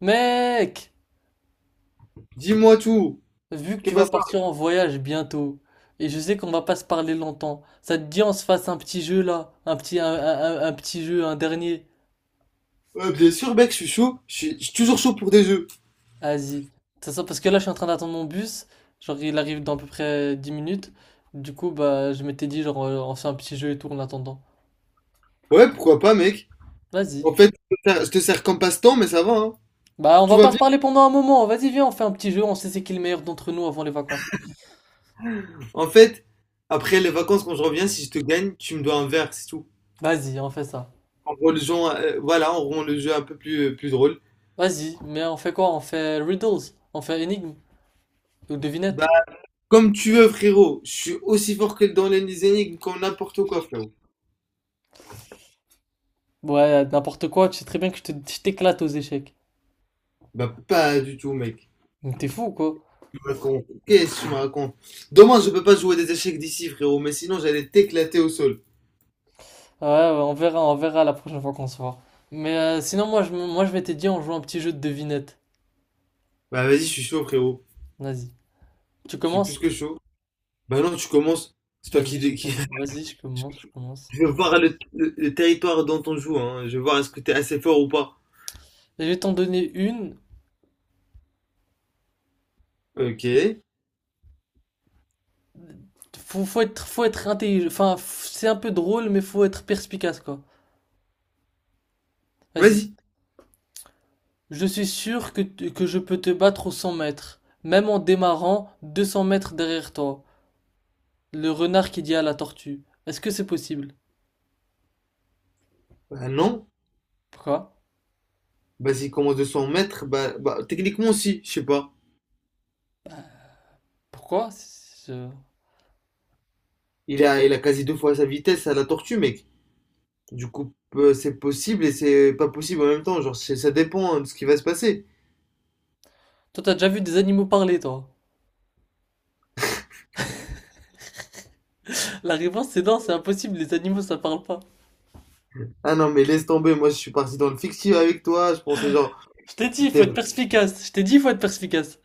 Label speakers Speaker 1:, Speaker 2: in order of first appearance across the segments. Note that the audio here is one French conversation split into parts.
Speaker 1: Mec,
Speaker 2: Dis-moi tout.
Speaker 1: vu que tu
Speaker 2: Qu'est-ce que
Speaker 1: vas
Speaker 2: ça?
Speaker 1: partir en voyage bientôt, et je sais qu'on va pas se parler longtemps, ça te dit on se fasse un petit jeu là, un petit, un, un petit jeu, un dernier.
Speaker 2: Bien sûr, mec, je suis chaud. Je suis toujours chaud pour des jeux.
Speaker 1: Vas-y. Ça, parce que là je suis en train d'attendre mon bus, genre il arrive dans à peu près 10 minutes. Du coup, bah je m'étais dit genre on fait un petit jeu et tout en attendant.
Speaker 2: Ouais, pourquoi pas, mec?
Speaker 1: Vas-y.
Speaker 2: En fait, je te sers comme passe-temps, mais ça va, hein.
Speaker 1: Bah on
Speaker 2: Tout
Speaker 1: va
Speaker 2: va
Speaker 1: pas se
Speaker 2: bien.
Speaker 1: parler pendant un moment, vas-y viens on fait un petit jeu, on sait c'est qui le meilleur d'entre nous avant les vacances.
Speaker 2: En fait, après les vacances, quand je reviens, si je te gagne, tu me dois un verre, c'est tout.
Speaker 1: Vas-y, on fait ça.
Speaker 2: En rend le jeu, voilà, on rend le jeu un peu plus, plus drôle.
Speaker 1: Vas-y, mais on fait quoi? On fait riddles, on fait énigmes ou devinettes.
Speaker 2: Bah, comme tu veux, frérot. Je suis aussi fort que dans les énigmes, comme n'importe quoi, frérot.
Speaker 1: Ouais, n'importe quoi, tu sais très bien que je t'éclate aux échecs.
Speaker 2: Bah, pas du tout, mec.
Speaker 1: Donc t'es fou, quoi.
Speaker 2: Tu me racontes. Qu'est-ce que tu me racontes? Demain, je peux pas jouer des échecs d'ici, frérot, mais sinon, j'allais t'éclater au sol.
Speaker 1: Ouais, ouais, on verra la prochaine fois qu'on se voit. Mais sinon, moi, je vais t'aider, on joue un petit jeu de devinette.
Speaker 2: Bah vas-y, je suis chaud, frérot.
Speaker 1: Vas-y. Tu
Speaker 2: Je suis plus
Speaker 1: commences?
Speaker 2: que chaud. Bah non, tu commences. C'est toi qui, dé- qui...
Speaker 1: Vas-y, je commence.
Speaker 2: Je veux voir le territoire dont on joue, hein. Je veux voir est-ce que t'es assez fort ou pas.
Speaker 1: Je vais t'en donner une.
Speaker 2: Ok.
Speaker 1: Faut être intelligent. Enfin, c'est un peu drôle, mais faut être perspicace, quoi. Vas-y.
Speaker 2: Vas-y.
Speaker 1: Je suis sûr que, que je peux te battre aux 100 mètres, même en démarrant 200 mètres derrière toi. Le renard qui dit à la tortue. Est-ce que c'est possible?
Speaker 2: Bah non.
Speaker 1: Pourquoi?
Speaker 2: Vas-y, commence de 100 mètres, bah, bah techniquement si, je sais pas.
Speaker 1: Pourquoi? Je-
Speaker 2: Il a quasi 2 fois sa vitesse à la tortue, mec. Du coup, c'est possible et c'est pas possible en même temps. Ça dépend hein, de ce qui va se passer.
Speaker 1: Toi, t'as déjà vu des animaux parler, toi? La réponse, c'est non, c'est impossible, les animaux, ça parle pas.
Speaker 2: Ah non, mais laisse tomber. Moi, je suis parti dans le fictif avec toi. Je pensais genre,
Speaker 1: Je t'ai dit, il
Speaker 2: t'es...
Speaker 1: faut être perspicace. Je t'ai dit, il faut être perspicace.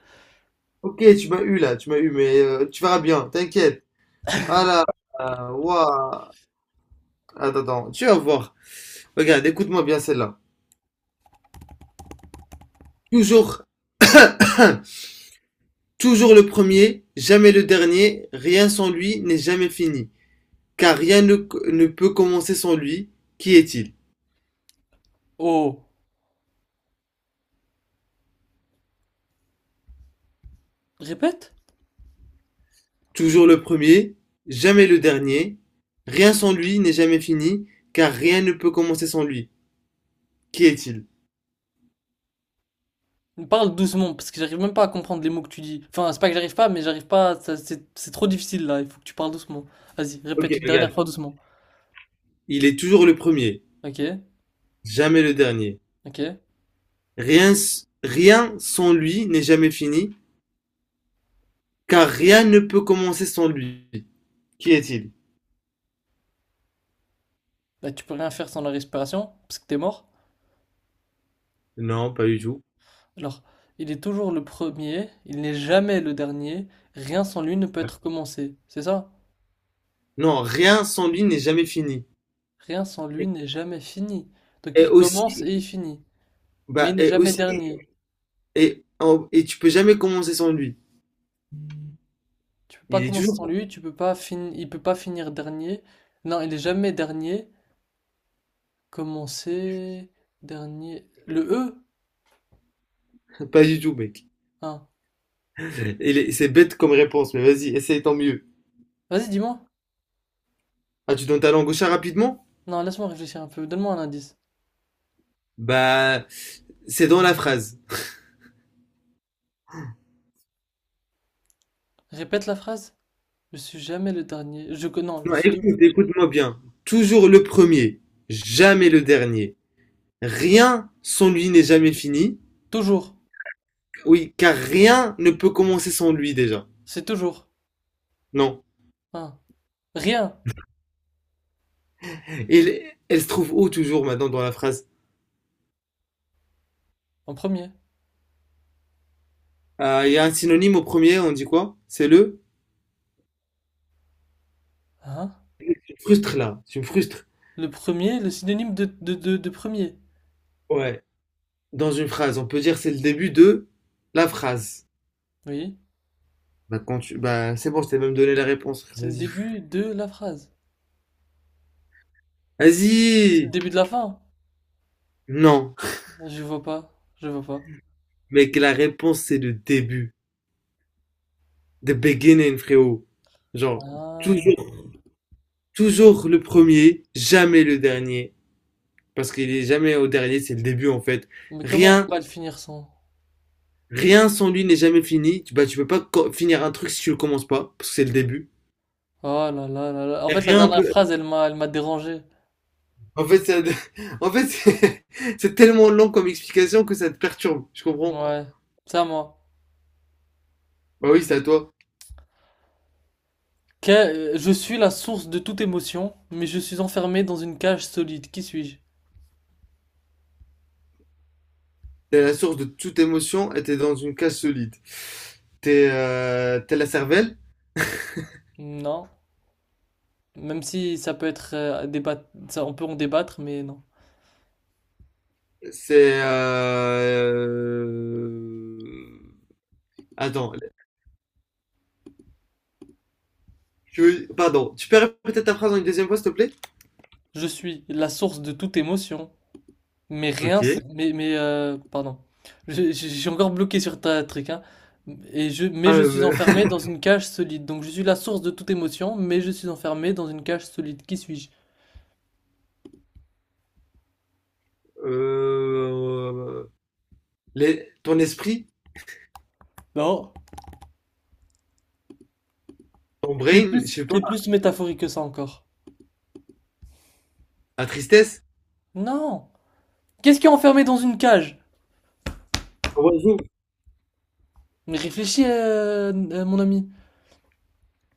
Speaker 2: Ok, tu m'as eu, mais tu verras bien, t'inquiète. Ah là là, waouh. Attends, attends, tu vas voir. Regarde, écoute-moi bien celle-là. Toujours, toujours le premier, jamais le dernier, rien sans lui n'est jamais fini. Car rien ne, ne peut commencer sans lui. Qui est-il?
Speaker 1: Oh, répète?
Speaker 2: Toujours le premier, jamais le dernier, rien sans lui n'est jamais fini. Car rien ne peut commencer sans lui. Qui est-il?
Speaker 1: Parle doucement, parce que j'arrive même pas à comprendre les mots que tu dis. Enfin, c'est pas que j'arrive pas, mais j'arrive pas, c'est trop difficile, là. Il faut que tu parles doucement. Vas-y,
Speaker 2: Ok,
Speaker 1: répète une dernière
Speaker 2: regarde.
Speaker 1: fois doucement.
Speaker 2: Il est toujours le premier,
Speaker 1: Ok,
Speaker 2: jamais le dernier.
Speaker 1: ok.
Speaker 2: Rien sans lui n'est jamais fini. Car rien ne peut commencer sans lui. Qui est-il?
Speaker 1: Bah, tu peux rien faire sans la respiration, parce que t'es mort.
Speaker 2: Non, pas du tout.
Speaker 1: Alors, il est toujours le premier, il n'est jamais le dernier, rien sans lui ne peut être commencé, c'est ça?
Speaker 2: Non, rien sans lui n'est jamais fini.
Speaker 1: Rien sans lui n'est jamais fini. Donc
Speaker 2: Et
Speaker 1: il commence
Speaker 2: aussi,
Speaker 1: et il finit, mais
Speaker 2: bah,
Speaker 1: il n'est
Speaker 2: et
Speaker 1: jamais
Speaker 2: aussi,
Speaker 1: dernier.
Speaker 2: et tu peux jamais commencer sans lui.
Speaker 1: Tu peux pas
Speaker 2: Il est
Speaker 1: commencer sans
Speaker 2: toujours.
Speaker 1: lui, tu peux pas finir, il peut pas finir dernier. Non, il est jamais dernier. Commencer, dernier. Le E?
Speaker 2: Pas du tout, mec.
Speaker 1: Hein.
Speaker 2: C'est bête comme réponse, mais vas-y, essaye tant mieux.
Speaker 1: Vas-y, dis-moi.
Speaker 2: Ah, tu donnes ta langue au chat rapidement?
Speaker 1: Non, laisse-moi réfléchir un peu. Donne-moi un indice.
Speaker 2: Bah, c'est dans la phrase.
Speaker 1: Répète la phrase. Je suis jamais le dernier. Je que non,
Speaker 2: Non, écoute, écoute-moi bien. Toujours le premier, jamais le dernier. Rien sans lui n'est jamais fini.
Speaker 1: toujours.
Speaker 2: Oui, car rien ne peut commencer sans lui déjà.
Speaker 1: C'est toujours.
Speaker 2: Non.
Speaker 1: Hein. Rien
Speaker 2: Et elle se trouve où toujours maintenant dans la phrase.
Speaker 1: en premier.
Speaker 2: Il y a un synonyme au premier, on dit quoi? C'est le...
Speaker 1: Hein?
Speaker 2: Tu me frustres là, tu me frustres.
Speaker 1: Le premier, le synonyme de premier.
Speaker 2: Ouais, dans une phrase, on peut dire c'est le début de la phrase.
Speaker 1: Oui.
Speaker 2: Bah quand tu, bah c'est bon, je t'ai même donné la réponse. Frère,
Speaker 1: C'est le
Speaker 2: vas-y.
Speaker 1: début de la phrase. C'est le
Speaker 2: Vas-y.
Speaker 1: début de la fin?
Speaker 2: Non,
Speaker 1: Je vois pas.
Speaker 2: mec, la réponse c'est le début, the beginning, frérot. Genre
Speaker 1: Ah,
Speaker 2: toujours toujours le premier, jamais le dernier. Parce qu'il est jamais au dernier, c'est le début en fait.
Speaker 1: mais comment on peut
Speaker 2: Rien,
Speaker 1: pas le finir sans?
Speaker 2: rien sans lui n'est jamais fini. Tu, bah, tu peux pas co- finir un truc si tu le commences pas, parce que c'est le début.
Speaker 1: Oh là là là là. En
Speaker 2: Et
Speaker 1: fait, la
Speaker 2: rien
Speaker 1: dernière
Speaker 2: peut.
Speaker 1: phrase, elle m'a dérangé.
Speaker 2: En fait, ça... en fait, c'est c'est tellement long comme explication que ça te perturbe. Je comprends.
Speaker 1: Ouais, c'est à moi.
Speaker 2: Bah oui, c'est à toi.
Speaker 1: Que- je suis la source de toute émotion, mais je suis enfermé dans une cage solide. Qui suis-je?
Speaker 2: T'es la source de toute émotion et t'es dans une cage solide. T'es t'es la cervelle.
Speaker 1: Non. Même si ça peut être ça, on peut en débattre, mais non.
Speaker 2: C'est attends. Pardon. Tu peux répéter ta phrase en une deuxième fois, s'il te plaît?
Speaker 1: Je suis la source de toute émotion, mais rien, s-
Speaker 2: Ok.
Speaker 1: mais pardon. Je suis encore bloqué sur ta truc, hein. Et je, mais
Speaker 2: Ah,
Speaker 1: je suis
Speaker 2: mais-
Speaker 1: enfermé dans une cage solide. Donc je suis la source de toute émotion, mais je suis enfermé dans une cage solide. Qui suis-je?
Speaker 2: euh, ton esprit,
Speaker 1: Non,
Speaker 2: ton brain, je sais pas,
Speaker 1: c'est plus métaphorique que ça encore.
Speaker 2: la tristesse,
Speaker 1: Non! Qu'est-ce qui est enfermé dans une cage?
Speaker 2: l'oiseau,
Speaker 1: Mais réfléchis, mon ami.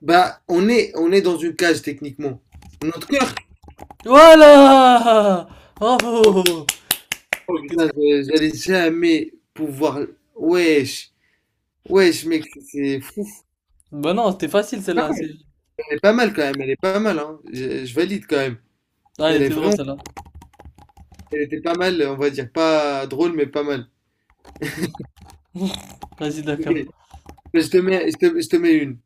Speaker 2: bah, on est dans une cage techniquement. Notre cœur,
Speaker 1: Voilà!
Speaker 2: quand
Speaker 1: Bravo!
Speaker 2: on
Speaker 1: T'es trop-
Speaker 2: est j'allais jamais pouvoir. Wesh, wesh, mec, c'est fou.
Speaker 1: Bah non, c'était facile
Speaker 2: Pas
Speaker 1: celle-là.
Speaker 2: mal,
Speaker 1: C'est-
Speaker 2: elle est pas mal quand même, elle est pas mal, hein. Je valide quand même.
Speaker 1: Ah, elle
Speaker 2: Elle est
Speaker 1: était drôle
Speaker 2: vraiment,
Speaker 1: celle-là.
Speaker 2: elle était pas mal, on va dire, pas drôle, mais pas mal.
Speaker 1: Vas-y,
Speaker 2: Ok,
Speaker 1: d'accord.
Speaker 2: Je te mets une.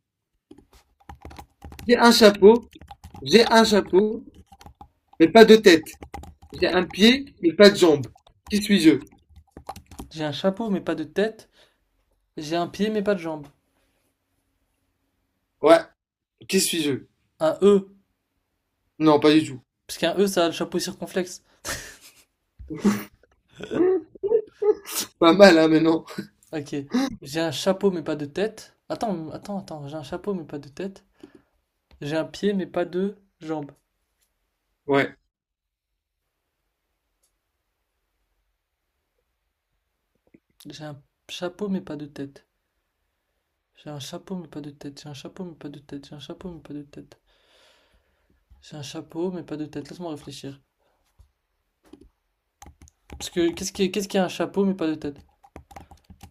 Speaker 2: J'ai un chapeau, j'ai un chapeau, mais pas de tête. J'ai un pied, mais pas de jambe. Qui suis-je?
Speaker 1: J'ai un chapeau, mais pas de tête. J'ai un pied, mais pas de jambe.
Speaker 2: Ouais. Qui suis-je?
Speaker 1: Un E.
Speaker 2: Non, pas du tout.
Speaker 1: Parce qu'un E, ça a le chapeau circonflexe.
Speaker 2: Pas mal, hein, mais non.
Speaker 1: Ok. J'ai un chapeau, mais pas de tête. Attends. J'ai un chapeau, mais pas de tête. J'ai un pied, mais pas de jambes.
Speaker 2: Ouais.
Speaker 1: J'ai un chapeau, mais pas de tête. J'ai un chapeau, mais pas de tête. J'ai un chapeau, mais pas de tête. J'ai un chapeau, mais pas de tête. J'ai un chapeau, mais pas de tête. Laisse-moi réfléchir. Parce que qu'est-ce qui a un chapeau, mais pas de tête?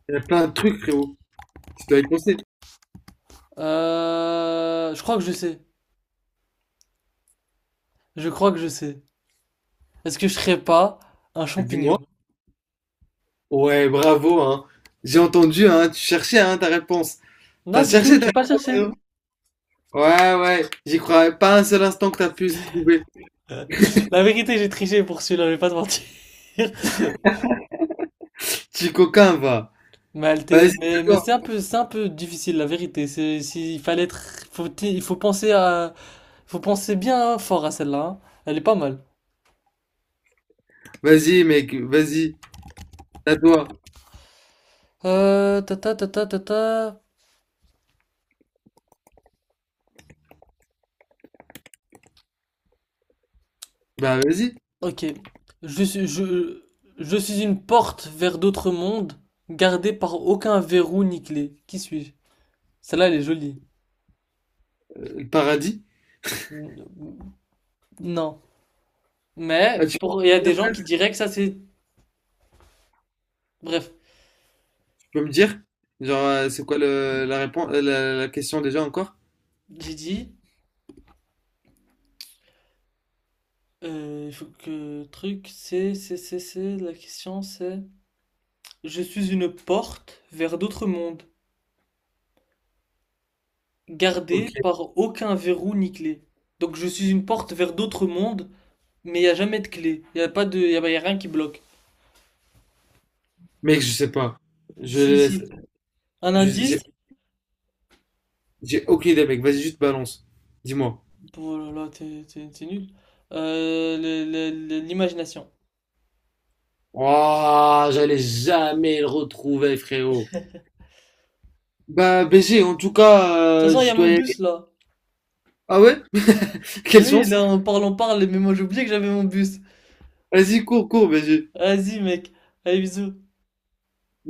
Speaker 2: Il y a plein de trucs, frérot. Tu dois y penser.
Speaker 1: Je crois que je sais. Je crois que je sais. Est-ce que je serais pas un
Speaker 2: Dis-moi.
Speaker 1: champignon?
Speaker 2: Ouais, bravo, hein. J'ai entendu, hein. Tu cherchais, hein, ta réponse. T'as
Speaker 1: Non, du
Speaker 2: cherché
Speaker 1: tout.
Speaker 2: ta
Speaker 1: J'ai pas
Speaker 2: réponse,
Speaker 1: cherché.
Speaker 2: frérot. Ouais, ouais. J'y croyais pas un seul instant que t'as pu se trouver.
Speaker 1: La vérité, j'ai triché pour celui-là, je vais pas te mentir.
Speaker 2: Petit coquin, va.
Speaker 1: Mais, elle t'est-
Speaker 2: Vas-y,
Speaker 1: mais,
Speaker 2: d'accord.
Speaker 1: c'est un peu difficile, la vérité. C'est, il fallait être, il faut penser à, faut penser bien fort à celle-là. Hein. Elle est pas mal.
Speaker 2: Vas-y, mec. Vas-y. À toi.
Speaker 1: Ta ta ta ta ta ta.
Speaker 2: Bah, vas-y.
Speaker 1: Ok. Je suis, je, je suis une porte vers d'autres mondes, gardée par aucun verrou ni clé. Qui suis-je? Celle-là, elle est jolie.
Speaker 2: Le paradis.
Speaker 1: Non. Mais,
Speaker 2: Ah, tu
Speaker 1: pour, il y a des gens qui diraient que ça, c'est, bref.
Speaker 2: peux me dire? Genre, c'est quoi la réponse, la question déjà encore?
Speaker 1: J'ai dit. Il faut que truc, c'est, la question c'est... Je suis une porte vers d'autres mondes, gardée
Speaker 2: Ok,
Speaker 1: par aucun verrou ni clé. Donc je suis une porte vers d'autres mondes, mais il n'y a jamais de clé. Il n'y a pas de... y a rien qui bloque.
Speaker 2: mec, je sais pas. Je
Speaker 1: Si,
Speaker 2: les laisse.
Speaker 1: si. Un
Speaker 2: Je- J'ai
Speaker 1: indice...
Speaker 2: j'ai aucune idée, mec. Vas-y, juste balance. Dis-moi.
Speaker 1: Oh là là, t'es nul. L'imagination. De
Speaker 2: Ouah, j'allais jamais le retrouver, frérot. Bah, BG, en tout cas,
Speaker 1: toute façon, il y a
Speaker 2: je dois
Speaker 1: mon
Speaker 2: y aller.
Speaker 1: bus là.
Speaker 2: Ah ouais? Quelle
Speaker 1: Mais oui,
Speaker 2: chance.
Speaker 1: là on parle, mais moi j'ai oublié que j'avais mon bus.
Speaker 2: Vas-y, cours, cours, BG.
Speaker 1: Vas-y mec, allez bisous.